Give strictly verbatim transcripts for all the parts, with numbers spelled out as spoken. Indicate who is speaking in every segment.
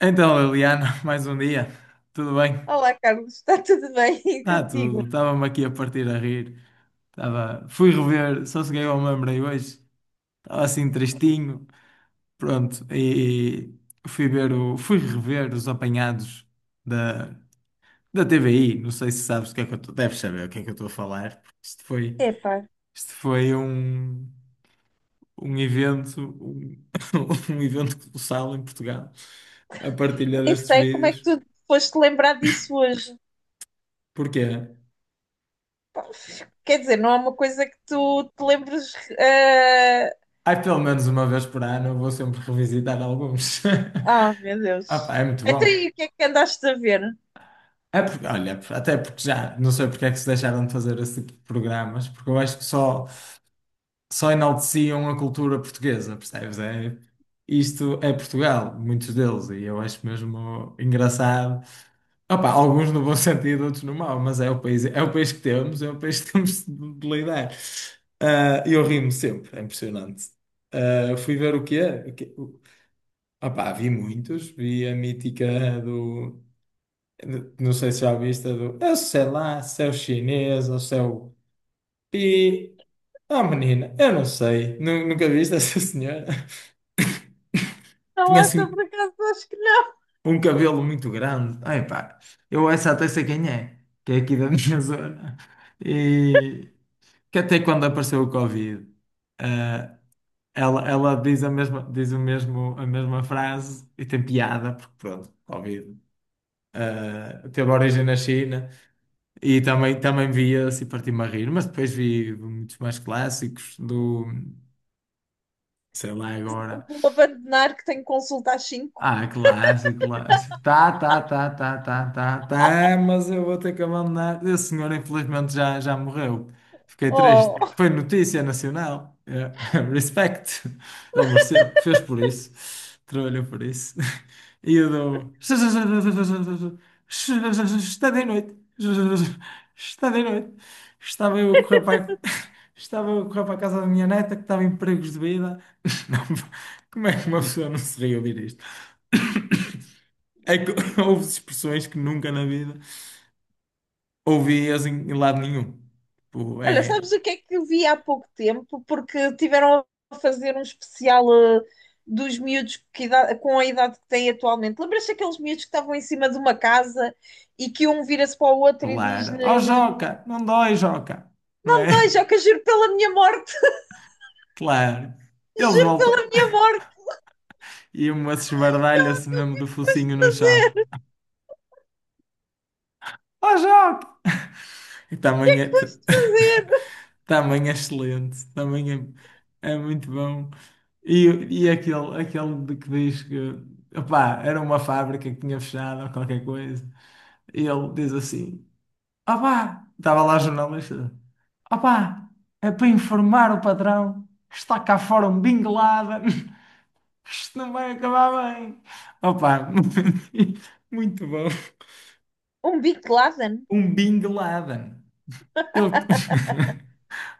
Speaker 1: Então, Liliana, mais um dia. Tudo bem?
Speaker 2: Olá, Carlos, está tudo bem. E
Speaker 1: Está
Speaker 2: contigo?
Speaker 1: tudo. Estava-me aqui a partir a rir. Estava... Fui rever, só cheguei ao me lembrei hoje. Estava assim tristinho. Pronto, e fui ver o... fui rever os apanhados da... da T V I. Não sei se sabes o que é que eu estou. Deves saber o que é que eu estou a falar. Porque Isto foi,
Speaker 2: Epá,
Speaker 1: isto foi um... um evento, um... um evento colossal em Portugal. A partilha
Speaker 2: nem
Speaker 1: destes
Speaker 2: sei como é que
Speaker 1: vídeos.
Speaker 2: tu foste lembrar disso hoje.
Speaker 1: Porquê?
Speaker 2: Pá, quer dizer, não é uma coisa que tu te lembres. eh,
Speaker 1: Ai, pelo menos uma vez por ano eu vou sempre revisitar alguns.
Speaker 2: Ah, meu
Speaker 1: Ah,
Speaker 2: Deus.
Speaker 1: pá, é muito
Speaker 2: Até aí,
Speaker 1: bom.
Speaker 2: o que é que andaste a ver?
Speaker 1: É porque, olha, até porque já não sei porque é que se deixaram de fazer esse tipo de programas, porque eu acho que só, só enalteciam a cultura portuguesa, percebes? É, isto é Portugal, muitos deles, e eu acho mesmo engraçado. Opa, alguns no bom sentido, outros no mau, mas é o país, é o país que temos, é o país que temos de de lidar. Ah, E eu rimo sempre, é impressionante. Ah, fui ver o quê? O quê? Ah pá, vi muitos, vi a mítica do, de- não sei se já viste, a do, eu sei lá, se é o chinês ou se é o pi, ah menina, eu não sei, Nu- nunca viste essa senhora?
Speaker 2: Não,
Speaker 1: Tinha
Speaker 2: essa
Speaker 1: assim
Speaker 2: por acaso acho que não.
Speaker 1: um cabelo muito grande, ai pá, eu essa até sei quem é, que é aqui da minha zona, e que até quando apareceu o Covid, ah, ela, ela diz a mesma, diz o mesmo, a mesma frase e tem piada, porque pronto, Covid. Eh, teve origem na China e também, também via-se e parti-me a rir, mas depois vi muitos mais clássicos do, sei lá agora.
Speaker 2: Vou abandonar que tenho consulta às cinco.
Speaker 1: Ah, clássico, clássico. Tá, tá, tá, tá, tá, tá, tá, mas eu vou ter que abandonar. Esse senhor, infelizmente, já, já morreu. Fiquei
Speaker 2: Oh,
Speaker 1: triste. Foi notícia nacional. É. Respect. Ele mereceu. Fez por isso. Trabalhou por isso. E eu dou. um Está de noite. Está de noite. Estava eu a correr para. A- Estava eu a correr para a casa da minha neta que estava em perigos de vida. Não, como é que uma pessoa não se ri a ouvir isto? É que houve expressões que nunca na vida ouvi assim em lado nenhum. Tipo,
Speaker 2: olha,
Speaker 1: é
Speaker 2: sabes o que é que eu vi há pouco tempo? Porque tiveram a fazer um especial eh, dos miúdos que idade- com a idade que têm atualmente. Lembras-te daqueles miúdos que estavam em cima de uma casa e que um vira-se para o outro e
Speaker 1: claro. Oh,
Speaker 2: diz-lhe:
Speaker 1: Joca, não dói, Joca. Não
Speaker 2: não
Speaker 1: é?
Speaker 2: me dói, Joca, juro pela minha morte,
Speaker 1: Claro. Eles
Speaker 2: juro pela
Speaker 1: voltam.
Speaker 2: minha morte,
Speaker 1: E uma esbardalha-se mesmo do
Speaker 2: mas
Speaker 1: focinho no chão. Oh, Joca! E também é,
Speaker 2: foste fazer.
Speaker 1: também é excelente. Também é, é muito bom. E, e aquele, aquele de que diz que opá, era uma fábrica que tinha fechado ou qualquer coisa. E ele diz assim. Opá! Estava lá a jornalista. Opá! É para informar o patrão que está cá fora um Bin Laden, que isto não vai acabar bem. Opá! Muito bom.
Speaker 2: Um Bin Laden.
Speaker 1: Um Bin Laden. Ele...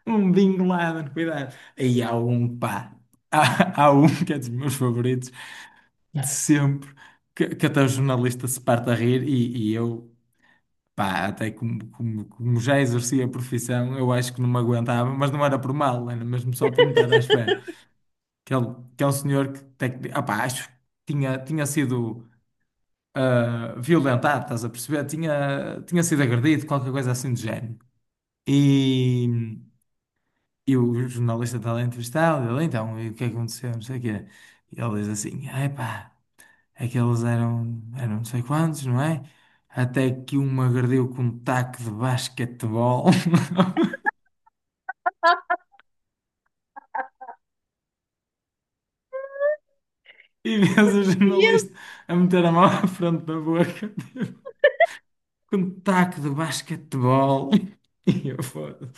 Speaker 1: Um Bin Laden, cuidado. Aí há um, pá. Há, há um que é dos meus favoritos de sempre, que, que até o jornalista se parte a rir e, e eu. Pá, até como, como, como já exercia a profissão, eu acho que não me aguentava, mas não era por mal, era mesmo só por não estar à espera. Que é um que é um senhor que, tec- ah, pá, acho que tinha, tinha sido ah, violentado, estás a perceber? Tinha, tinha sido agredido, qualquer coisa assim do género. E, e o jornalista está lá entrevistado, ele, então, e o que é que aconteceu? Não sei o quê. E ele diz assim, ai pá. Aqueles eram, eram não sei quantos, não é? Até que um me agrediu com um taco de basquetebol e vês o jornalista a meter a mão à frente da boca tipo, com um taco de basquetebol. E eu falo,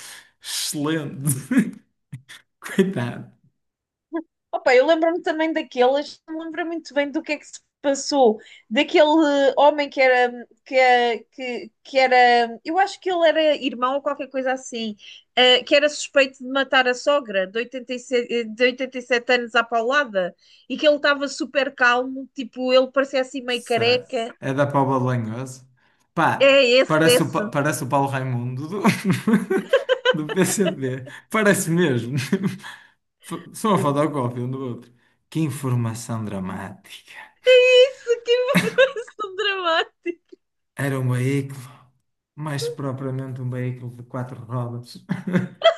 Speaker 1: excelente, coitado,
Speaker 2: Opa, eu lembro-me também daquelas, não me lembro muito bem do que é que se passou, daquele eh, homem que era, que, eh, que, que era, eu acho que ele era irmão ou qualquer coisa assim, eh, que era suspeito de matar a sogra de oitenta e sete, de oitenta e sete anos à paulada, e que ele estava super calmo, tipo, ele parecia assim meio
Speaker 1: Sei.
Speaker 2: careca.
Speaker 1: É da Póvoa de Lanhoso. Pá,
Speaker 2: É esse,
Speaker 1: parece o,
Speaker 2: esse.
Speaker 1: Pa- parece o Paulo Raimundo do, do P C P, parece mesmo. F- Só uma fotocópia um do outro. Que informação dramática.
Speaker 2: É isso, que informação dramática.
Speaker 1: Era um veículo, mais propriamente um veículo de quatro rodas.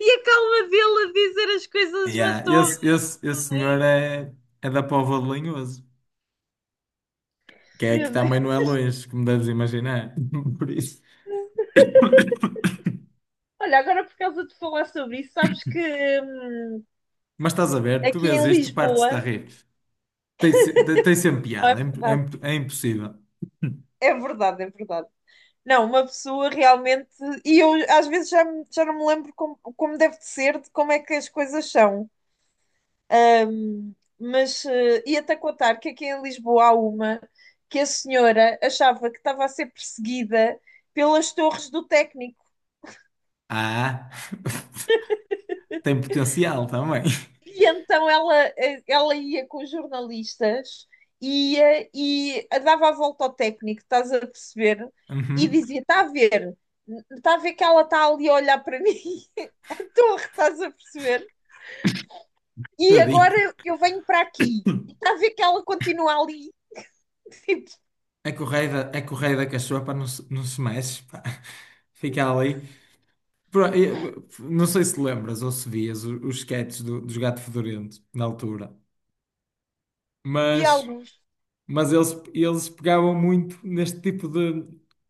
Speaker 2: E a calma dele a dizer as coisas
Speaker 1: Yeah,
Speaker 2: matou-me
Speaker 1: esse, esse, esse senhor
Speaker 2: também.
Speaker 1: é, é da Póvoa de Lanhoso, que é
Speaker 2: Meu
Speaker 1: que
Speaker 2: Deus.
Speaker 1: também não é longe, como deves imaginar. Por isso.
Speaker 2: Olha, agora por causa de falar sobre isso, sabes que hum,
Speaker 1: Mas estás a ver, tu
Speaker 2: aqui
Speaker 1: vês
Speaker 2: em
Speaker 1: isto, partes-te a
Speaker 2: Lisboa,
Speaker 1: rir. Tem, se- tem sempre
Speaker 2: não é
Speaker 1: piada, é, imp- é
Speaker 2: verdade,
Speaker 1: imp- é impossível.
Speaker 2: é verdade, é verdade. Não, uma pessoa realmente, e eu às vezes já, me- já não me lembro como, como deve de ser, de como é que as coisas são. Hum, Mas eh, ia-te a contar que aqui em Lisboa há uma que a senhora achava que estava a ser perseguida pelas torres do Técnico.
Speaker 1: Ah, tem potencial também.
Speaker 2: E então ela, ela ia com os jornalistas, ia e dava a volta ao técnico, estás a perceber? E
Speaker 1: Uhum,
Speaker 2: dizia: está a ver, está a ver que ela está ali a olhar para mim, a torre, estás a perceber? E agora
Speaker 1: tadinho.
Speaker 2: eu venho para aqui, e está a ver que ela continua ali, tipo,
Speaker 1: É correia, é correia da cachorra, não se, não se mexe, pá. Fica ali. Pro- eu- Não sei se lembras ou se vias o- os sketches do- dos Gato Fedorento na altura, mas
Speaker 2: diálogos
Speaker 1: Mas eles, eles pegavam muito neste tipo de,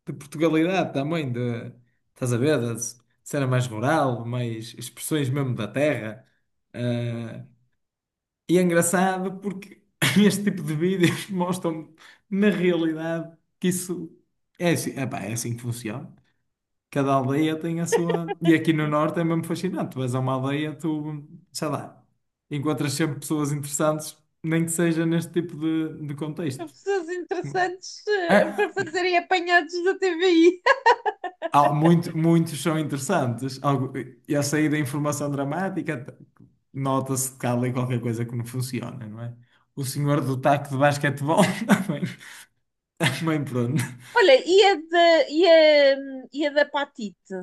Speaker 1: de Portugalidade também, de, estás a ver, de cena mais rural, mais expressões mesmo da terra. Ah, e é engraçado porque este tipo de vídeos mostram na realidade que isso é assim, epá, é assim que funciona. Cada aldeia tem a sua. E aqui no norte é mesmo fascinante. Tu vais a uma aldeia, tu, sei lá, encontras sempre pessoas interessantes, nem que seja neste tipo de, de
Speaker 2: a
Speaker 1: contexto.
Speaker 2: pessoas interessantes uh, para
Speaker 1: Ah,
Speaker 2: fazerem apanhados da T V I.
Speaker 1: há muito- muitos são interessantes. Algo- E a sair da informação dramática, t- nota-se que há ali qualquer coisa que não funciona, não é? O senhor do taco de basquetebol também, também pronto.
Speaker 2: Olha, e a, da e a, e a da Patite?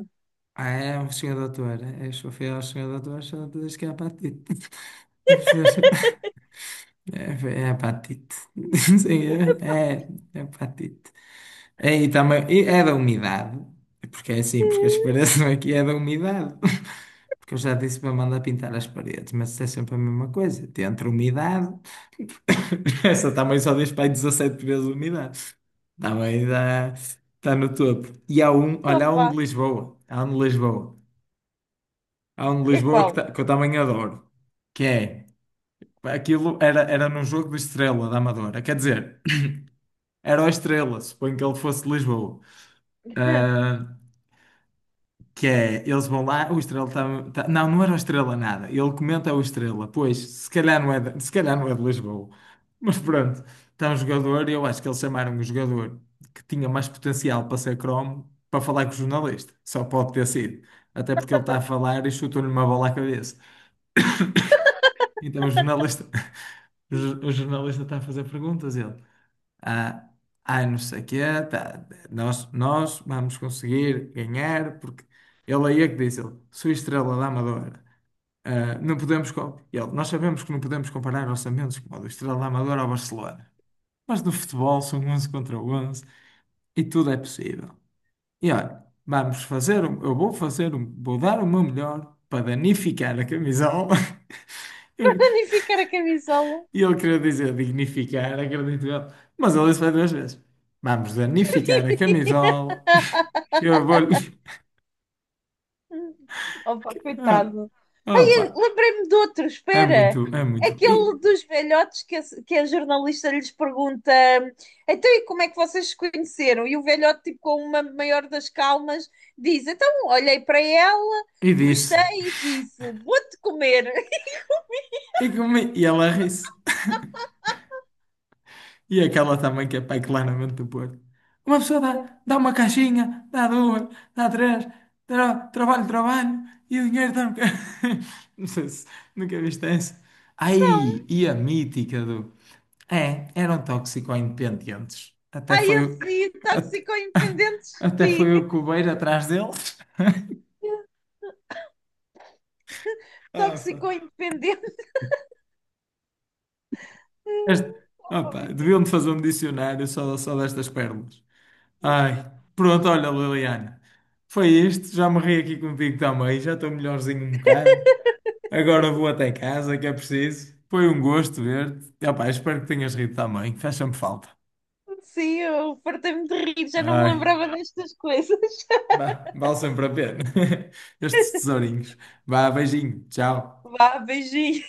Speaker 1: Ah, é um senhor doutor. É, só fiel ao senhor doutor, só te diz que é apatite. É preciso- é, é apatite. Sim, é, é é apatite. É, e também, e é da umidade. Porque é assim, porque a expiração aqui é da umidade. Porque eu já disse para mandar pintar as paredes, mas isso é sempre a mesma coisa. Entre umidade. Essa também só diz para aí dezessete vezes umidade. Também dá, está no topo. E há um, olha, há
Speaker 2: Opa,
Speaker 1: um de Lisboa. Há um de Lisboa. Há um de
Speaker 2: é
Speaker 1: Lisboa que,
Speaker 2: qual?
Speaker 1: tá- que eu também adoro. Que é, aquilo era, era num jogo do Estrela da Amadora. Quer dizer, era o Estrela, suponho que ele fosse de Lisboa. Ah, que é, eles vão lá, o Estrela tá, tá- não, não era o Estrela nada. Ele comenta o Estrela. Pois, se calhar não é de, se calhar não é de Lisboa. Mas pronto, está um jogador, e eu acho que eles chamaram o jogador que tinha mais potencial para ser cromo para falar com o jornalista. Só pode ter sido. Até porque ele está a falar e chutou-lhe uma bola à cabeça. Então o jornalista, o jornalista está a fazer perguntas, ele ah, ai, não sei o quê, tá, nós, nós vamos conseguir ganhar, porque ele aí é que diz, ele, sou estrela da Amadora. Ah, não podemos, co- ele, nós sabemos que não podemos comparar orçamentos como o do Estrela da Amadora ao Barcelona, mas no futebol são onze contra onze e tudo é possível. E olha, vamos fazer, um- eu vou fazer, um- vou dar o meu melhor para danificar a camisola.
Speaker 2: Danificar a camisola.
Speaker 1: E ele queria dizer dignificar, acredito eu. Mas ele disse para duas vezes: vamos danificar a camisola, que eu vou-lhe.
Speaker 2: Opa, coitado. Ai,
Speaker 1: Opa,
Speaker 2: eu lembrei-me de outro,
Speaker 1: é
Speaker 2: espera.
Speaker 1: muito, é muito. E,
Speaker 2: Aquele dos velhotes que a, que a jornalista lhes pergunta: então, e como é que vocês se conheceram? E o velhote, tipo, com uma maior das calmas, diz: então, olhei para ela,
Speaker 1: e
Speaker 2: gostei
Speaker 1: disse:
Speaker 2: e disse: vou-te comer.
Speaker 1: e, comi, e ela ri-se. E aquela também que é pai claramente do Porto. Uma pessoa dá, dá uma caixinha, dá duas, dá três, tra- trabalho, trabalho, e o dinheiro está. Não sei se nunca viste essa.
Speaker 2: Então,
Speaker 1: Ai, e a mítica do. É, eram toxico-independentes. Até
Speaker 2: ai,
Speaker 1: foi.
Speaker 2: assim,
Speaker 1: Até,
Speaker 2: tóxico independente,
Speaker 1: até
Speaker 2: sim.
Speaker 1: foi o Cubeiro atrás deles. Ah, pá.
Speaker 2: Tóxico independente.
Speaker 1: Este- ah,
Speaker 2: Opa,
Speaker 1: pá,
Speaker 2: muito.
Speaker 1: deviam-te fazer um dicionário só, só destas pérolas. Ai, pronto, olha, Liliana. Foi isto, já me ri aqui contigo também, já estou melhorzinho um bocado. Agora vou até casa, que é preciso. Foi um gosto ver-te. E, opá, espero que tenhas rido também, faz sempre falta.
Speaker 2: Sim, eu fartei-me de rir, já não
Speaker 1: Ai,
Speaker 2: me lembrava destas coisas.
Speaker 1: bah, vale sempre a pena. Estes tesourinhos. Vá, beijinho, tchau.
Speaker 2: Vá, beijinho.